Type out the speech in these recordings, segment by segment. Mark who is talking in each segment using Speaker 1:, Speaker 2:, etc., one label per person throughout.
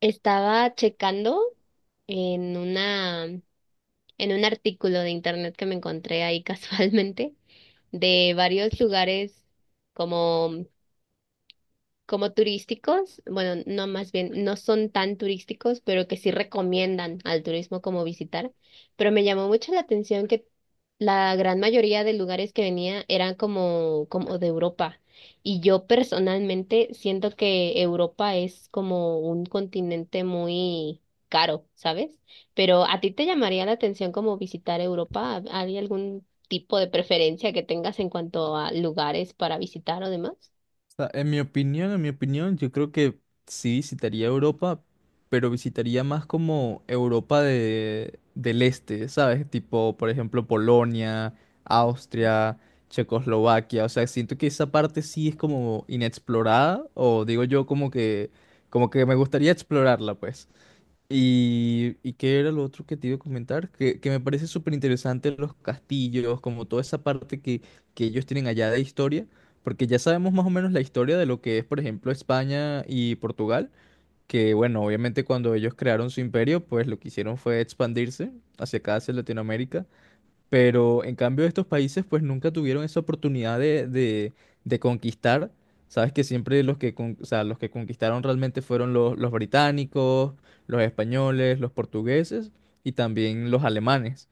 Speaker 1: Estaba checando en una, en un artículo de internet que me encontré ahí casualmente de varios lugares como turísticos. Bueno, no, más bien, no son tan turísticos, pero que sí recomiendan al turismo como visitar. Pero me llamó mucho la atención que la gran mayoría de lugares que venía eran como, como de Europa. Y yo personalmente siento que Europa es como un continente muy caro, ¿sabes? Pero ¿a ti te llamaría la atención como visitar Europa? ¿Hay algún tipo de preferencia que tengas en cuanto a lugares para visitar o demás?
Speaker 2: Sea, en mi opinión, yo creo que sí visitaría Europa, pero visitaría más como Europa de, del Este, ¿sabes? Tipo, por ejemplo, Polonia, Austria, Checoslovaquia. O sea, siento que esa parte sí es como inexplorada, o digo yo como que me gustaría explorarla, pues. ¿Y qué era lo otro que te iba a comentar? Que me parece súper interesante los castillos, como toda esa parte que ellos tienen allá de historia, porque ya sabemos más o menos la historia de lo que es, por ejemplo, España y Portugal, que bueno, obviamente cuando ellos crearon su imperio, pues lo que hicieron fue expandirse hacia acá, hacia Latinoamérica, pero en cambio estos países pues nunca tuvieron esa oportunidad de conquistar. Sabes que siempre los que conquistaron realmente fueron los británicos, los españoles, los portugueses y también los alemanes.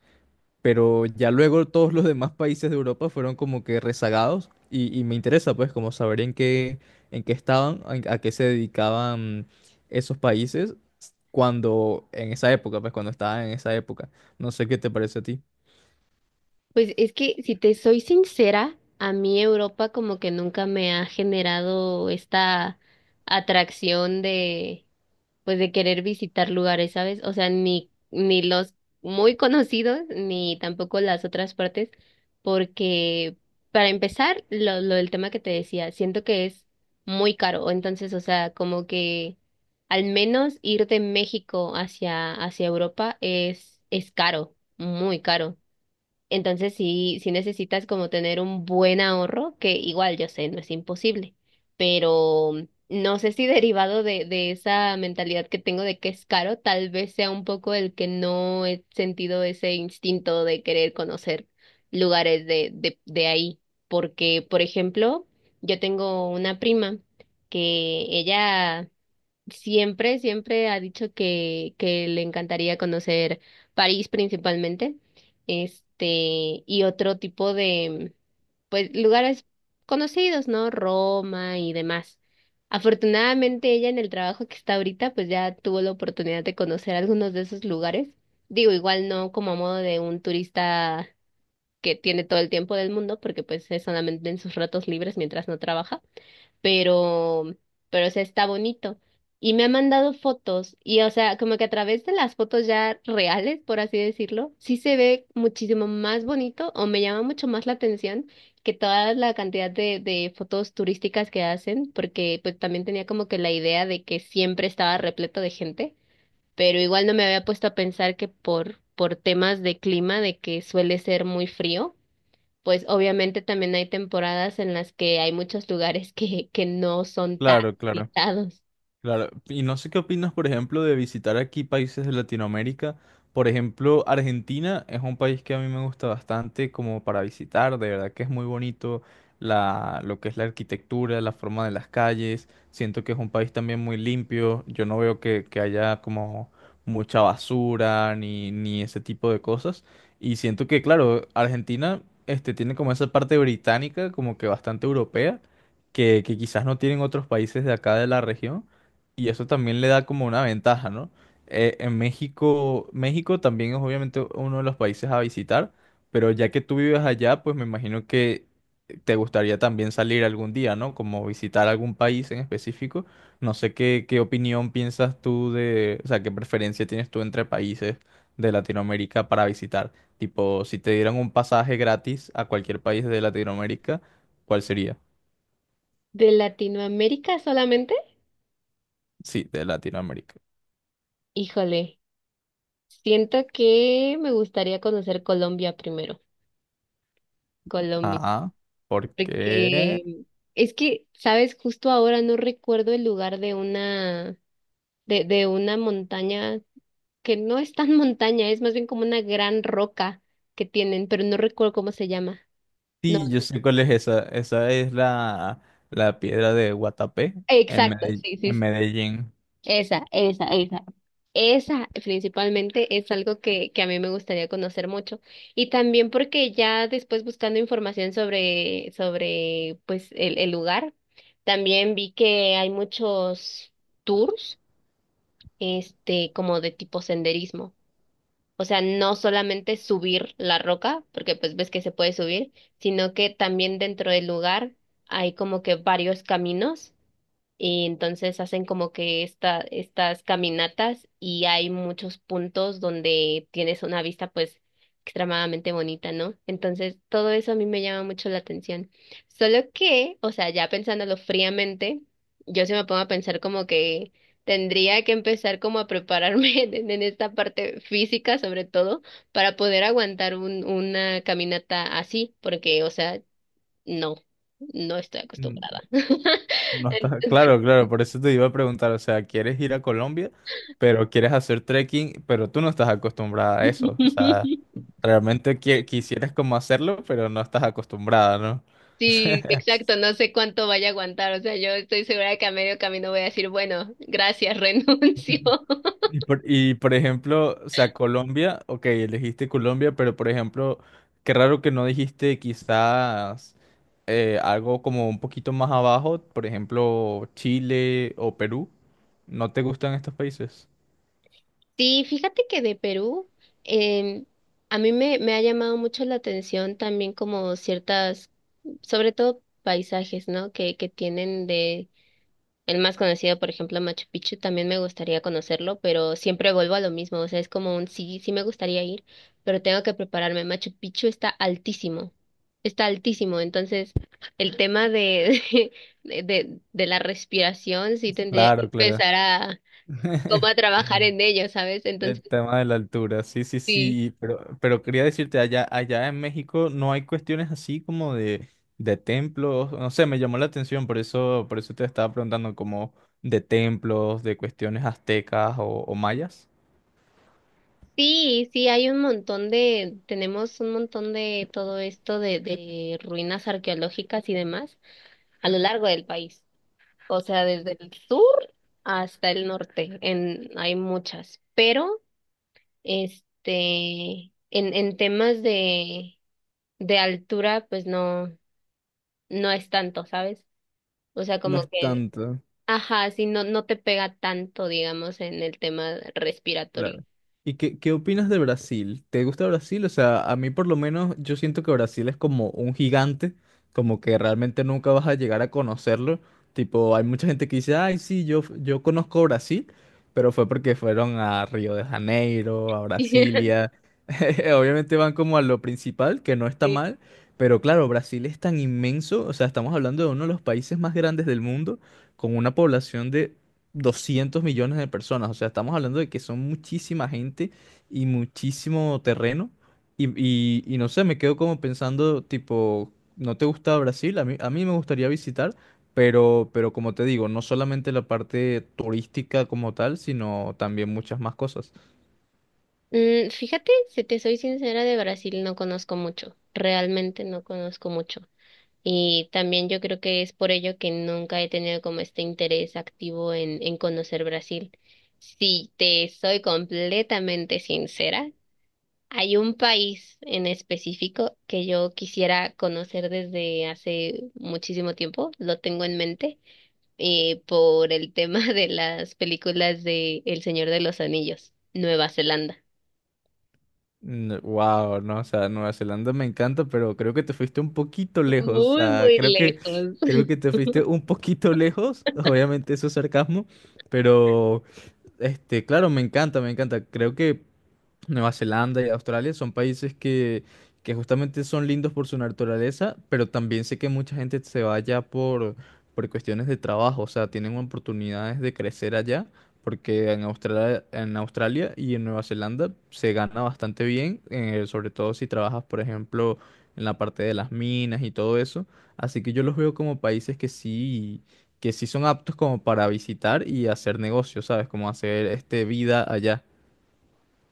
Speaker 2: Pero ya luego todos los demás países de Europa fueron como que rezagados y me interesa pues como saber en qué estaban, a qué se dedicaban esos países cuando en esa época, pues cuando estaban en esa época. No sé qué te parece a ti.
Speaker 1: Pues es que si te soy sincera, a mí Europa como que nunca me ha generado esta atracción de, pues, de querer visitar lugares, ¿sabes? O sea, ni los muy conocidos ni tampoco las otras partes, porque, para empezar, lo del tema que te decía, siento que es muy caro. Entonces, o sea, como que al menos ir de México hacia Europa es caro, muy caro. Entonces sí, sí necesitas como tener un buen ahorro, que, igual, yo sé, no es imposible, pero no sé si derivado de esa mentalidad que tengo de que es caro, tal vez sea un poco el que no he sentido ese instinto de querer conocer lugares de ahí. Porque, por ejemplo, yo tengo una prima que ella siempre, siempre ha dicho que le encantaría conocer París principalmente, y otro tipo de, pues, lugares conocidos, ¿no? Roma y demás. Afortunadamente, ella, en el trabajo que está ahorita, pues ya tuvo la oportunidad de conocer algunos de esos lugares. Digo, igual no como a modo de un turista que tiene todo el tiempo del mundo, porque pues es solamente en sus ratos libres mientras no trabaja, pero, pero, o sea, está bonito. Y me ha mandado fotos y, o sea, como que a través de las fotos ya reales, por así decirlo, sí se ve muchísimo más bonito o me llama mucho más la atención que toda la cantidad de fotos turísticas que hacen, porque pues también tenía como que la idea de que siempre estaba repleto de gente, pero igual no me había puesto a pensar que por temas de clima, de que suele ser muy frío, pues obviamente también hay temporadas en las que hay muchos lugares que no son tan
Speaker 2: Claro, claro.
Speaker 1: visitados.
Speaker 2: Claro, y no sé qué opinas, por ejemplo, de visitar aquí países de Latinoamérica. Por ejemplo, Argentina es un país que a mí me gusta bastante como para visitar, de verdad que es muy bonito la, lo que es la arquitectura, la forma de las calles. Siento que es un país también muy limpio. Yo no veo que haya como mucha basura ni ese tipo de cosas. Y siento que, claro, Argentina este, tiene como esa parte británica, como que bastante europea, que quizás no tienen otros países de acá de la región. Y eso también le da como una ventaja, ¿no? En México, México también es obviamente uno de los países a visitar, pero ya que tú vives allá, pues me imagino que te gustaría también salir algún día, ¿no? Como visitar algún país en específico. No sé qué opinión piensas tú de, o sea, qué preferencia tienes tú entre países de Latinoamérica para visitar. Tipo, si te dieran un pasaje gratis a cualquier país de Latinoamérica, ¿cuál sería?
Speaker 1: ¿De Latinoamérica solamente?
Speaker 2: Sí, de Latinoamérica.
Speaker 1: Híjole, siento que me gustaría conocer Colombia primero, Colombia,
Speaker 2: Ajá. ¿Por qué?
Speaker 1: porque es que, sabes, justo ahora no recuerdo el lugar de una montaña que no es tan montaña, es más bien como una gran roca que tienen, pero no recuerdo cómo se llama. No,
Speaker 2: Sí, yo sé cuál es esa. Esa es la, la piedra de Guatapé en
Speaker 1: exacto, sí, sí,
Speaker 2: Medellín.
Speaker 1: esa, esa, esa. Esa principalmente es algo que a mí me gustaría conocer mucho. Y también porque ya después, buscando información sobre, sobre pues el lugar, también vi que hay muchos tours, como de tipo senderismo. O sea, no solamente subir la roca, porque pues ves que se puede subir, sino que también dentro del lugar hay como que varios caminos y entonces hacen como que esta, estas caminatas y hay muchos puntos donde tienes una vista pues extremadamente bonita, ¿no? Entonces todo eso a mí me llama mucho la atención. Solo que, o sea, ya pensándolo fríamente, yo se me pongo a pensar como que tendría que empezar como a prepararme en esta parte física sobre todo para poder aguantar un, una caminata así, porque, o sea, no, no estoy
Speaker 2: Mm,
Speaker 1: acostumbrada.
Speaker 2: no está claro, claro, por eso te iba a preguntar, o sea, ¿quieres ir a Colombia, pero quieres hacer trekking, pero tú no estás acostumbrada a eso? O sea, realmente quisieras como hacerlo, pero no estás acostumbrada, ¿no?
Speaker 1: Sí, exacto, no sé cuánto vaya a aguantar, o sea, yo estoy segura de que a medio camino voy a decir, bueno, gracias, renuncio.
Speaker 2: Y por ejemplo, o sea, Colombia, ok, elegiste Colombia, pero por ejemplo, qué raro que no dijiste quizás algo como un poquito más abajo, por ejemplo, Chile o Perú. ¿No te gustan estos países?
Speaker 1: Sí, fíjate que de Perú, em, a mí me, me ha llamado mucho la atención también como ciertas, sobre todo paisajes, ¿no? Que tienen de... El más conocido, por ejemplo, Machu Picchu, también me gustaría conocerlo, pero siempre vuelvo a lo mismo, o sea, es como un sí, sí me gustaría ir, pero tengo que prepararme. Machu Picchu está altísimo, entonces el tema de, de la respiración sí tendría que
Speaker 2: Claro, claro.
Speaker 1: empezar a, como a trabajar en ello, ¿sabes? Entonces,
Speaker 2: El tema de la altura, sí, sí,
Speaker 1: sí.
Speaker 2: sí, pero quería decirte, allá, allá en México no hay cuestiones así como de templos, no sé, me llamó la atención, por eso te estaba preguntando como de templos, de cuestiones aztecas o mayas.
Speaker 1: Sí, sí, hay un montón de, tenemos un montón de todo esto de ruinas arqueológicas y demás a lo largo del país. O sea, desde el sur hasta el norte, en, hay muchas, pero en temas de altura, pues no, no es tanto, ¿sabes? O sea,
Speaker 2: No
Speaker 1: como
Speaker 2: es
Speaker 1: que,
Speaker 2: tanto.
Speaker 1: ajá, sí, no, no te pega tanto, digamos, en el tema respiratorio.
Speaker 2: Claro. ¿Y qué opinas de Brasil? ¿Te gusta Brasil? O sea, a mí por lo menos yo siento que Brasil es como un gigante, como que realmente nunca vas a llegar a conocerlo. Tipo, hay mucha gente que dice, ay, sí, yo conozco Brasil, pero fue porque fueron a Río de Janeiro, a Brasilia. Obviamente van como a lo principal, que no está
Speaker 1: Sí.
Speaker 2: mal, pero claro, Brasil es tan inmenso, o sea, estamos hablando de uno de los países más grandes del mundo, con una población de 200 millones de personas. O sea, estamos hablando de que son muchísima gente y muchísimo terreno. Y no sé, me quedo como pensando, tipo, ¿no te gusta Brasil? A mí me gustaría visitar, pero como te digo, no solamente la parte turística como tal, sino también muchas más cosas.
Speaker 1: Mm, fíjate, si te soy sincera, de Brasil no conozco mucho, realmente no conozco mucho. Y también yo creo que es por ello que nunca he tenido como este interés activo en conocer Brasil. Si te soy completamente sincera, hay un país en específico que yo quisiera conocer desde hace muchísimo tiempo, lo tengo en mente, por el tema de las películas de El Señor de los Anillos: Nueva Zelanda.
Speaker 2: Wow, no, o sea, Nueva Zelanda me encanta, pero creo que te fuiste un poquito lejos. O
Speaker 1: Muy,
Speaker 2: sea,
Speaker 1: muy lejos.
Speaker 2: creo que te fuiste un poquito lejos. Obviamente eso es sarcasmo, pero este, claro, me encanta, me encanta. Creo que Nueva Zelanda y Australia son países que justamente son lindos por su naturaleza, pero también sé que mucha gente se va allá por cuestiones de trabajo, o sea, tienen oportunidades de crecer allá, porque en Australia y en Nueva Zelanda se gana bastante bien, sobre todo si trabajas, por ejemplo, en la parte de las minas y todo eso. Así que yo los veo como países que sí son aptos como para visitar y hacer negocios, ¿sabes? Como hacer este vida allá.